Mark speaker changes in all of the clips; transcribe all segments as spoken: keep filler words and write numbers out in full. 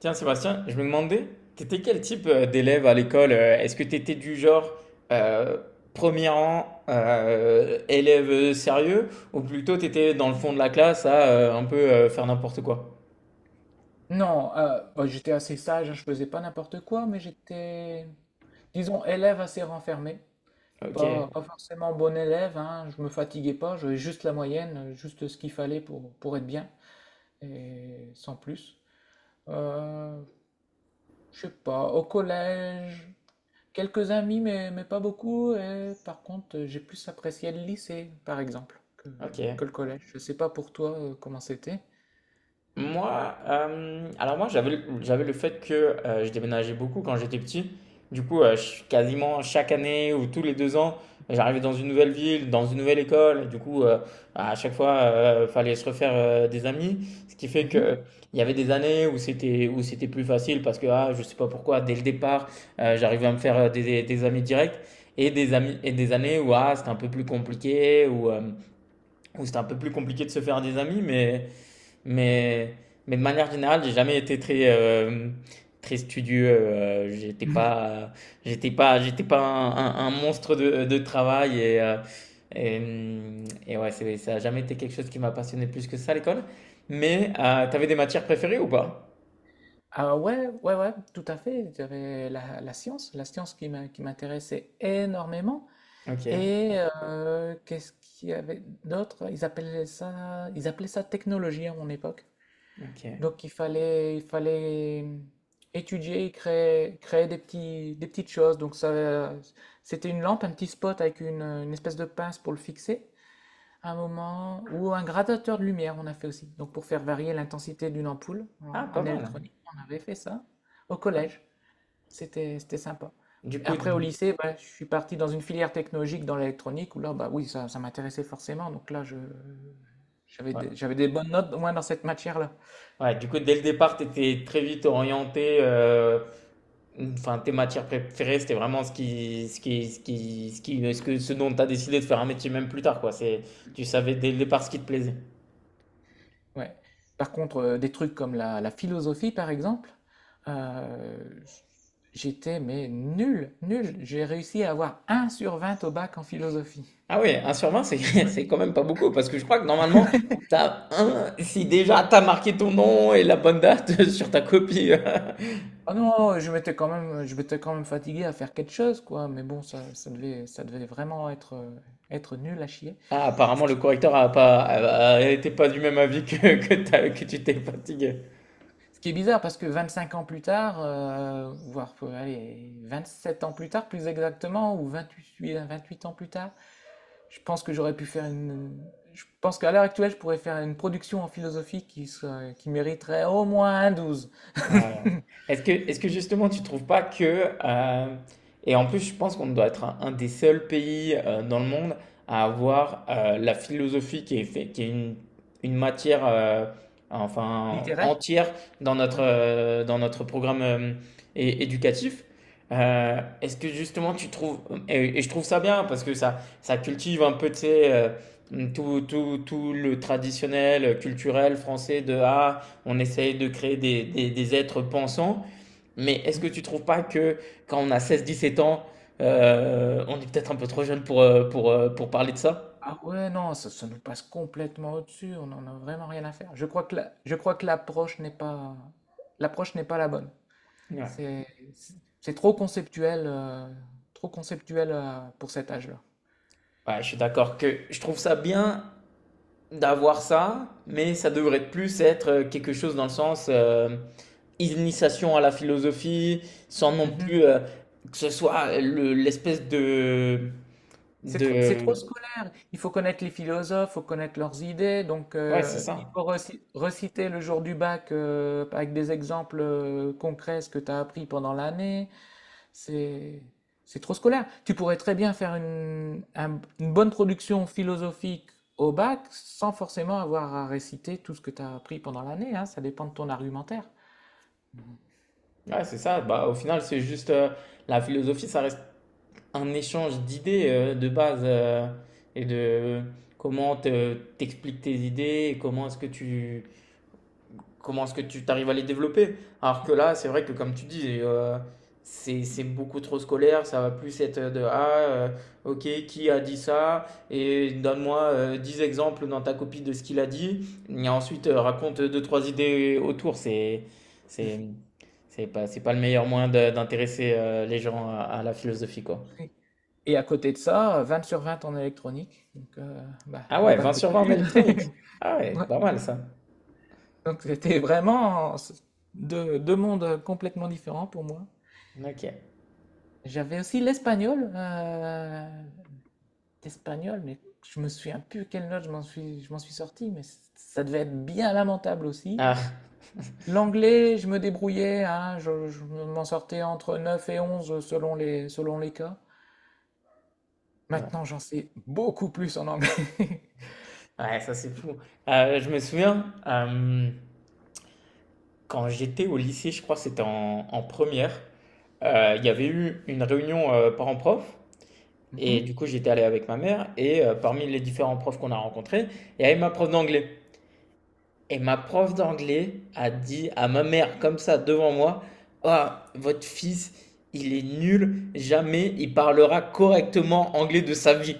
Speaker 1: Tiens, Sébastien, je me demandais, t'étais quel type euh, d'élève à l'école? euh, Est-ce que t'étais du genre euh, premier rang, euh, élève euh, sérieux, ou plutôt t'étais dans le fond de la classe à euh, un peu euh, faire n'importe quoi?
Speaker 2: Non, euh, bah, j'étais assez sage, hein, je faisais pas n'importe quoi, mais j'étais, disons, élève assez renfermé.
Speaker 1: Ok,
Speaker 2: Pas, pas forcément bon élève, hein, je me fatiguais pas, j'avais juste la moyenne, juste ce qu'il fallait pour, pour être bien, et sans plus. Euh, je sais pas, au collège, quelques amis, mais, mais pas beaucoup, et par contre, j'ai plus apprécié le lycée, par exemple, que,
Speaker 1: ok.
Speaker 2: que le collège. Je sais pas pour toi, euh, comment c'était.
Speaker 1: Moi, euh, alors moi j'avais le- j'avais le fait que euh, je déménageais beaucoup quand j'étais petit. Du coup, euh, je- quasiment chaque année ou tous les deux ans, j'arrivais dans une nouvelle ville, dans une nouvelle école. Et du coup, euh, à chaque fois, euh, fallait se refaire euh, des amis. Ce qui fait que euh,
Speaker 2: Mhm.
Speaker 1: il y avait des années où c'était où c'était plus facile parce que ah, je sais pas pourquoi, dès le départ, euh, j'arrivais à me faire euh, des, des- des amis directs. Et des amis et des années où ah, c'était un peu plus compliqué, ou où, euh, où c'était un peu plus compliqué de se faire des amis, mais mais, mais de manière générale, j'ai jamais été très, euh, très studieux. euh, j'étais pas, j'étais pas, j'étais pas un, un- un monstre de, de travail et, euh, et, hum, et ouais, c'est- ça a jamais été quelque chose qui m'a passionné plus que ça à l'école. Mais euh, t'avais des matières préférées ou pas?
Speaker 2: Ah ouais, ouais, ouais, tout à fait. J'avais la, la science, la science qui m'a- qui m'intéressait énormément.
Speaker 1: Ok,
Speaker 2: Et euh, qu'est-ce qu'il y avait d'autre? Ils appelaient ça, ils appelaient ça technologie à mon époque.
Speaker 1: ok.
Speaker 2: Donc il fallait, il fallait mmh, étudier, créer, créer des petits, des petites choses. Donc ça, c'était une lampe, un petit spot avec une, une espèce de pince pour le fixer. Un moment ou un gradateur de lumière, on a fait aussi. Donc pour faire varier l'intensité d'une ampoule
Speaker 1: Ah,
Speaker 2: en,
Speaker 1: pas
Speaker 2: en
Speaker 1: mal.
Speaker 2: électronique, on avait fait ça au
Speaker 1: Ouais.
Speaker 2: collège. C'était c'était sympa.
Speaker 1: Du coup,
Speaker 2: Après
Speaker 1: d-
Speaker 2: au lycée, bah, je suis parti dans une filière technologique dans l'électronique où là, bah oui, ça, ça m'intéressait forcément. Donc là, je j'avais
Speaker 1: ouais.
Speaker 2: des, j'avais des bonnes notes au moins dans cette matière-là.
Speaker 1: Ouais, du coup, dès le départ, tu étais très vite orienté. euh, Enfin, tes matières préférées, c'était vraiment ce qui, ce qui, ce qui, ce qui, ce que, ce dont tu as décidé de faire un métier même plus tard, quoi. C'est, tu savais dès le départ ce qui te plaisait.
Speaker 2: Ouais. Par contre, euh, des trucs comme la, la philosophie, par exemple, euh, j'étais mais nul, nul. J'ai réussi à avoir un sur vingt au bac en philosophie.
Speaker 1: Ah oui, un sur vingt, c'est, c'est quand même pas beaucoup, parce que je crois que normalement, t'as un, si déjà t'as marqué ton nom et la bonne date sur ta copie.
Speaker 2: Ah non, je m'étais quand même, je m'étais quand même fatigué à faire quelque chose, quoi. Mais bon, ça, ça devait, ça devait vraiment être, euh, être nul à chier.
Speaker 1: Ah, apparemment, le correcteur a pas, a- a- était pas du même avis que, que, t'as- que tu t'es fatigué.
Speaker 2: Ce qui est bizarre parce que vingt-cinq ans plus tard, euh, voire, euh, allez, sept ans plus tard, plus exactement, ou vingt-huit, euh, vingt-huit ans plus tard, je pense que j'aurais pu faire une, je pense qu'à l'heure actuelle, je pourrais faire une production en philosophie qui serait- qui mériterait au moins un douze.
Speaker 1: Ouais. Est-ce que, est-ce que justement tu trouves pas que, euh, et en plus je pense qu'on doit être un, un des seuls pays euh, dans le monde à avoir euh, la philosophie qui est, fait- qui est une, une matière euh, enfin
Speaker 2: Littéraire?
Speaker 1: entière dans notre,
Speaker 2: Ouais.
Speaker 1: euh, dans notre programme euh, é- éducatif. Euh, est-ce que justement tu trouves, et, et je trouve ça bien parce que ça, ça cultive un peu, tu sais, euh, tout, tout, tout le traditionnel euh, culturel français de ah, on essaye de créer des, des, des êtres pensants. Mais est-ce que tu ne trouves pas que quand on a seize à dix-sept ans, euh, on est peut-être un peu trop jeune pour, euh, pour, euh, pour parler de ça.
Speaker 2: Ah ouais, non, ça, ça nous passe complètement au-dessus, on n'en a vraiment rien à faire. Je crois que la- je crois que l'approche n'est pas, l'approche n'est pas la bonne.
Speaker 1: Ouais,
Speaker 2: C'est, c'est c'est trop conceptuel, euh, trop conceptuel, euh, pour cet âge-là.
Speaker 1: ouais je suis d'accord que je trouve ça bien d'avoir ça, mais ça devrait plus être euh, quelque chose dans le sens euh, initiation à la philosophie, sans non
Speaker 2: Mhm.
Speaker 1: plus euh, que ce soit le- l'espèce de,
Speaker 2: C'est trop, c'est trop
Speaker 1: de...
Speaker 2: scolaire. Il faut connaître les philosophes, il faut connaître leurs idées. Donc,
Speaker 1: Ouais, c'est
Speaker 2: euh, il
Speaker 1: ça.
Speaker 2: faut reci- reciter le jour du bac, euh, avec des exemples euh, concrets ce que tu as appris pendant l'année. C'est c'est trop scolaire. Tu pourrais très bien faire une, un- une bonne production philosophique au bac sans forcément avoir à réciter tout ce que tu as appris pendant l'année, hein. Ça dépend de ton argumentaire.
Speaker 1: Ouais, c'est ça. Bah, au final, c'est juste euh, la philosophie, ça reste un échange d'idées euh, de base euh, et de comment te- t'expliques tes idées et comment est-ce que tu comment est-ce que tu t'arrives à les développer. Alors que là, c'est vrai que comme tu dis, euh, c'est c'est beaucoup trop scolaire, ça va plus être de ah euh, OK, qui a dit ça et donne-moi euh, dix exemples dans ta copie de ce qu'il a dit et ensuite euh, raconte deux trois idées autour, c'est c'est c'est pas c'est pas le meilleur moyen de- d'intéresser euh, les gens à, à la philosophie quoi.
Speaker 2: Oui. Et à côté de ça, vingt sur vingt en électronique. Donc, euh, bah,
Speaker 1: Ah
Speaker 2: le
Speaker 1: ouais,
Speaker 2: bac
Speaker 1: vingt
Speaker 2: que
Speaker 1: sur
Speaker 2: j'ai
Speaker 1: vingt en
Speaker 2: eu.
Speaker 1: électronique. Ah ouais,
Speaker 2: Ouais.
Speaker 1: pas mal ça.
Speaker 2: Donc, c'était vraiment deux, deux mondes complètement différents pour moi.
Speaker 1: Ok.
Speaker 2: J'avais aussi l'espagnol. euh, espagnol, mais je me souviens plus quelle note je m'en suis, je m'en suis sorti, mais c- ça devait être bien lamentable aussi.
Speaker 1: Ah,
Speaker 2: L'anglais, je me débrouillais, hein, je, je m'en sortais entre neuf et onze selon les, selon les cas.
Speaker 1: ouais.
Speaker 2: Maintenant, j'en sais beaucoup plus en anglais.
Speaker 1: Ouais, ça c'est fou. Euh, je me souviens, euh, quand j'étais au lycée, je crois que c'était en, en première, euh, il y avait eu une réunion euh, parents-prof.
Speaker 2: Mhm.
Speaker 1: Et du coup, j'étais allé avec ma mère. Et euh, parmi les différents profs qu'on a rencontrés, il y avait ma prof d'anglais. Et ma prof d'anglais a dit à ma mère comme ça devant moi, « Ah, votre fils, il est nul, jamais il parlera correctement anglais de sa vie. »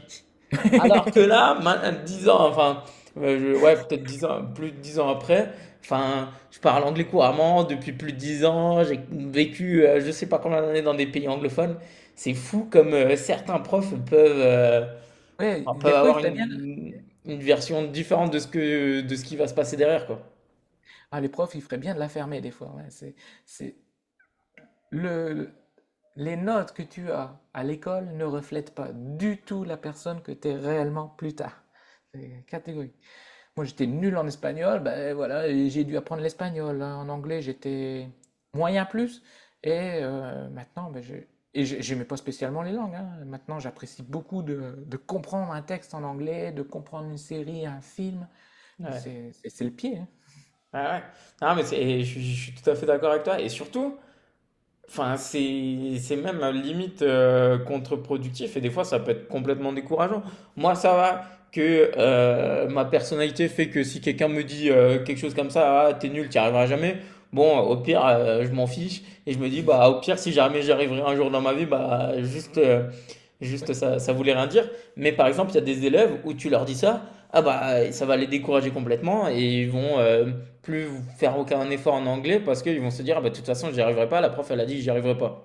Speaker 1: Alors que là, ma- dix ans, enfin, euh, je- ouais, peut-être dix ans, plus de dix ans après, enfin, je parle anglais couramment depuis plus de dix ans, j'ai vécu euh, je sais pas combien d'années dans des pays anglophones. C'est fou comme euh, certains profs peuvent, euh,
Speaker 2: Ouais,
Speaker 1: enfin, peuvent
Speaker 2: des fois, il
Speaker 1: avoir
Speaker 2: ferait bien.
Speaker 1: une, une version différente de ce que, de ce qui va se passer derrière, quoi.
Speaker 2: Ah, les profs, ils feraient bien de la fermer, des fois. Ouais, c'est, c'est le, les notes que tu as à l'école ne reflètent pas du tout la personne que tu es réellement plus tard. C'est catégorique. Moi, j'étais nul en espagnol, ben voilà, et j'ai dû apprendre l'espagnol, hein. En anglais, j'étais moyen plus. Et euh, maintenant, ben, je... et j'aimais pas spécialement les langues, hein. Maintenant, j'apprécie beaucoup de, de comprendre un texte en anglais, de comprendre une série, un film.
Speaker 1: Ouais.
Speaker 2: C'est c'est le pied, hein.
Speaker 1: Ah ouais. Non, mais c'est- et je, je suis tout à fait d'accord avec toi. Et surtout, enfin, c'est, c'est même euh, limite euh, contre-productif. Et des fois, ça peut être complètement décourageant. Moi, ça va que euh, ma personnalité fait que si quelqu'un me dit euh, quelque chose comme ça, ah, t'es nul, t'y arriveras jamais. Bon, au pire, euh, je m'en fiche. Et je me dis, bah, au pire, si jamais j'y arriverai un jour dans ma vie, bah, juste, euh, juste
Speaker 2: Ouais.
Speaker 1: ça, ça voulait rien dire. Mais par exemple, il y a des élèves où tu leur dis ça. Ah bah ça va les décourager complètement et ils vont, euh, plus faire aucun effort en anglais parce qu'ils vont se dire, « Ah bah, de toute façon, j'y arriverai pas. La prof, elle a dit que j'y arriverai pas. »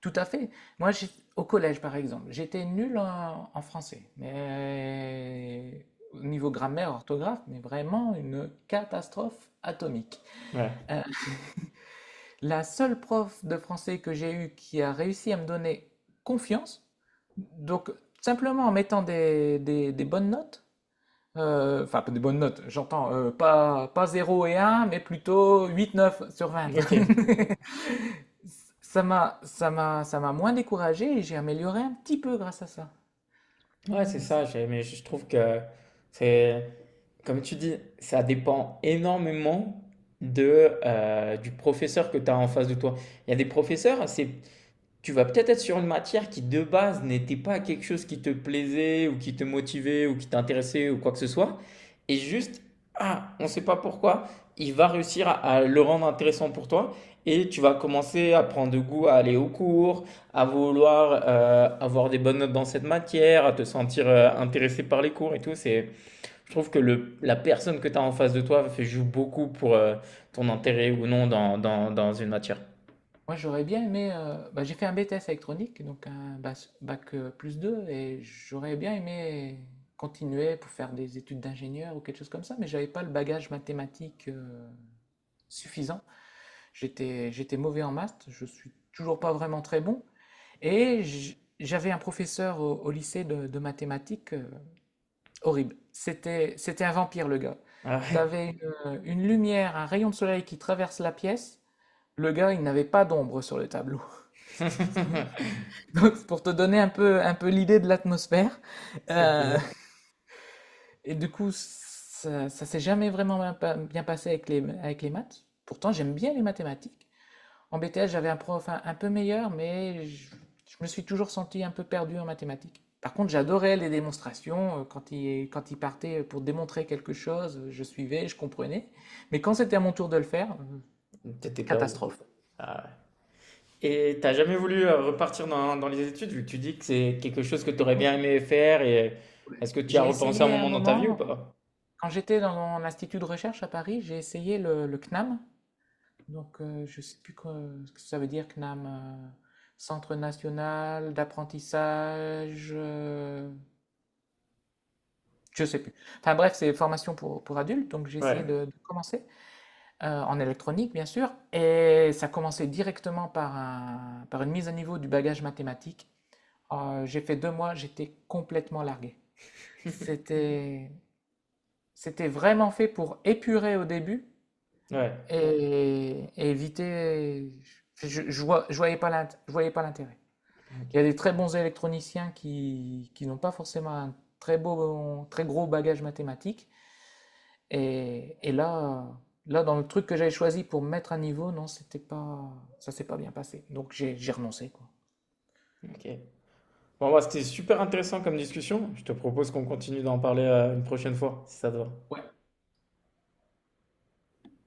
Speaker 2: Tout à fait. Moi, j'ai- au collège, par exemple, j'étais nul en, en français. Mais au niveau grammaire, orthographe, mais vraiment une catastrophe atomique.
Speaker 1: Ouais.
Speaker 2: Euh, La seule prof de français que j'ai eue qui a réussi à me donner confiance, donc simplement en mettant des, des- des bonnes notes, euh, enfin pas des bonnes notes, j'entends euh, pas, pas zéro et un, mais plutôt huit, neuf sur vingt.
Speaker 1: Ok.
Speaker 2: Ça m'a, ça m'a, ça m'a moins découragé et j'ai amélioré un petit peu grâce à ça.
Speaker 1: Ouais, c'est
Speaker 2: Donc,
Speaker 1: ça. j'ai- Mais je trouve que c'est, comme tu dis, ça dépend énormément de, euh, du professeur que tu as en face de toi. Il y a des professeurs. C'est Tu vas peut-être être sur une matière qui de base n'était pas quelque chose qui te plaisait ou qui te motivait ou qui t'intéressait ou quoi que ce soit. Et juste, ah, on ne sait pas pourquoi, il va réussir à, à le rendre intéressant pour toi. Et tu vas commencer à prendre goût à aller au cours, à vouloir euh, avoir des bonnes notes dans cette matière, à te sentir euh, intéressé par les cours et tout. C'est, je trouve que le, la personne que tu as en face de toi fait, joue beaucoup pour euh, ton
Speaker 2: ouais.
Speaker 1: intérêt ou non dans, dans, dans une matière.
Speaker 2: Moi, j'aurais bien aimé. Euh, bah, j'ai fait un B T S électronique, donc un bas- bac, euh, plus deux, et j'aurais bien aimé continuer pour faire des études d'ingénieur ou quelque chose comme ça, mais j'avais pas le bagage mathématique euh, suffisant. J'étais, j'étais mauvais en maths, je suis toujours pas vraiment très bon, et j- j'avais un professeur au, au lycée de, de mathématiques, euh, horrible. C'était, c'était un vampire, le gars.
Speaker 1: Ah ouais.
Speaker 2: T'avais une, une lumière, un rayon de soleil qui traverse la pièce. Le gars, il n'avait pas d'ombre sur le tableau. Donc, c'est pour te donner un peu, un peu l'idée de l'atmosphère. Euh,
Speaker 1: OK.
Speaker 2: et du coup, ça, ça s'est jamais vraiment bien pa- bien passé avec les, avec les maths. Pourtant, j'aime bien les mathématiques. En B T S, j'avais un prof un, un peu meilleur, mais je, je me suis toujours senti un peu perdu en mathématiques. Par contre, j'adorais les démonstrations. euh, Quand il, quand il partait pour démontrer quelque chose, euh, je suivais, je comprenais. Mais quand c'était à mon tour de le faire, euh,
Speaker 1: T'étais perdu.
Speaker 2: catastrophe.
Speaker 1: Ah ouais. Et t'as jamais voulu euh, repartir dans, dans les études, vu que tu dis que c'est quelque chose que t'aurais
Speaker 2: Écoute,
Speaker 1: bien aimé faire, et est-ce que tu y as
Speaker 2: j'ai
Speaker 1: repensé un
Speaker 2: essayé un
Speaker 1: moment dans ta vie ou
Speaker 2: moment.
Speaker 1: pas?
Speaker 2: Quand j'étais dans mon institut de recherche à Paris, j'ai essayé le, le CNAM. Donc, euh, je ne sais plus que- ce que ça veut dire, CNAM. euh, Centre national d'apprentissage. Euh, je ne sais plus. Enfin bref, c'est formation pour, pour adultes. Donc, j'ai essayé
Speaker 1: Ouais,
Speaker 2: de, de commencer, euh, en électronique, bien sûr. Et ça commençait directement par, un- par une mise à niveau du bagage mathématique. Euh, j'ai fait deux mois, j'étais complètement largué. C'était, c'était vraiment fait pour épurer au début
Speaker 1: ouais.
Speaker 2: et, et éviter. Je, je, voyais pas l'int- je voyais pas l'intérêt.
Speaker 1: Ok,
Speaker 2: Il y a des très bons électroniciens qui, qui n'ont pas forcément un très beau, très gros bagage mathématique. Et, et là, là, dans le truc que j'avais choisi pour me mettre à niveau, non, c'était pas, ça s'est pas bien passé. Donc j'ai j'ai renoncé, quoi.
Speaker 1: ok. Bon, bah, c'était super intéressant comme discussion. Je te propose qu'on continue d'en parler euh, une prochaine fois, si ça te va.
Speaker 2: Ouais.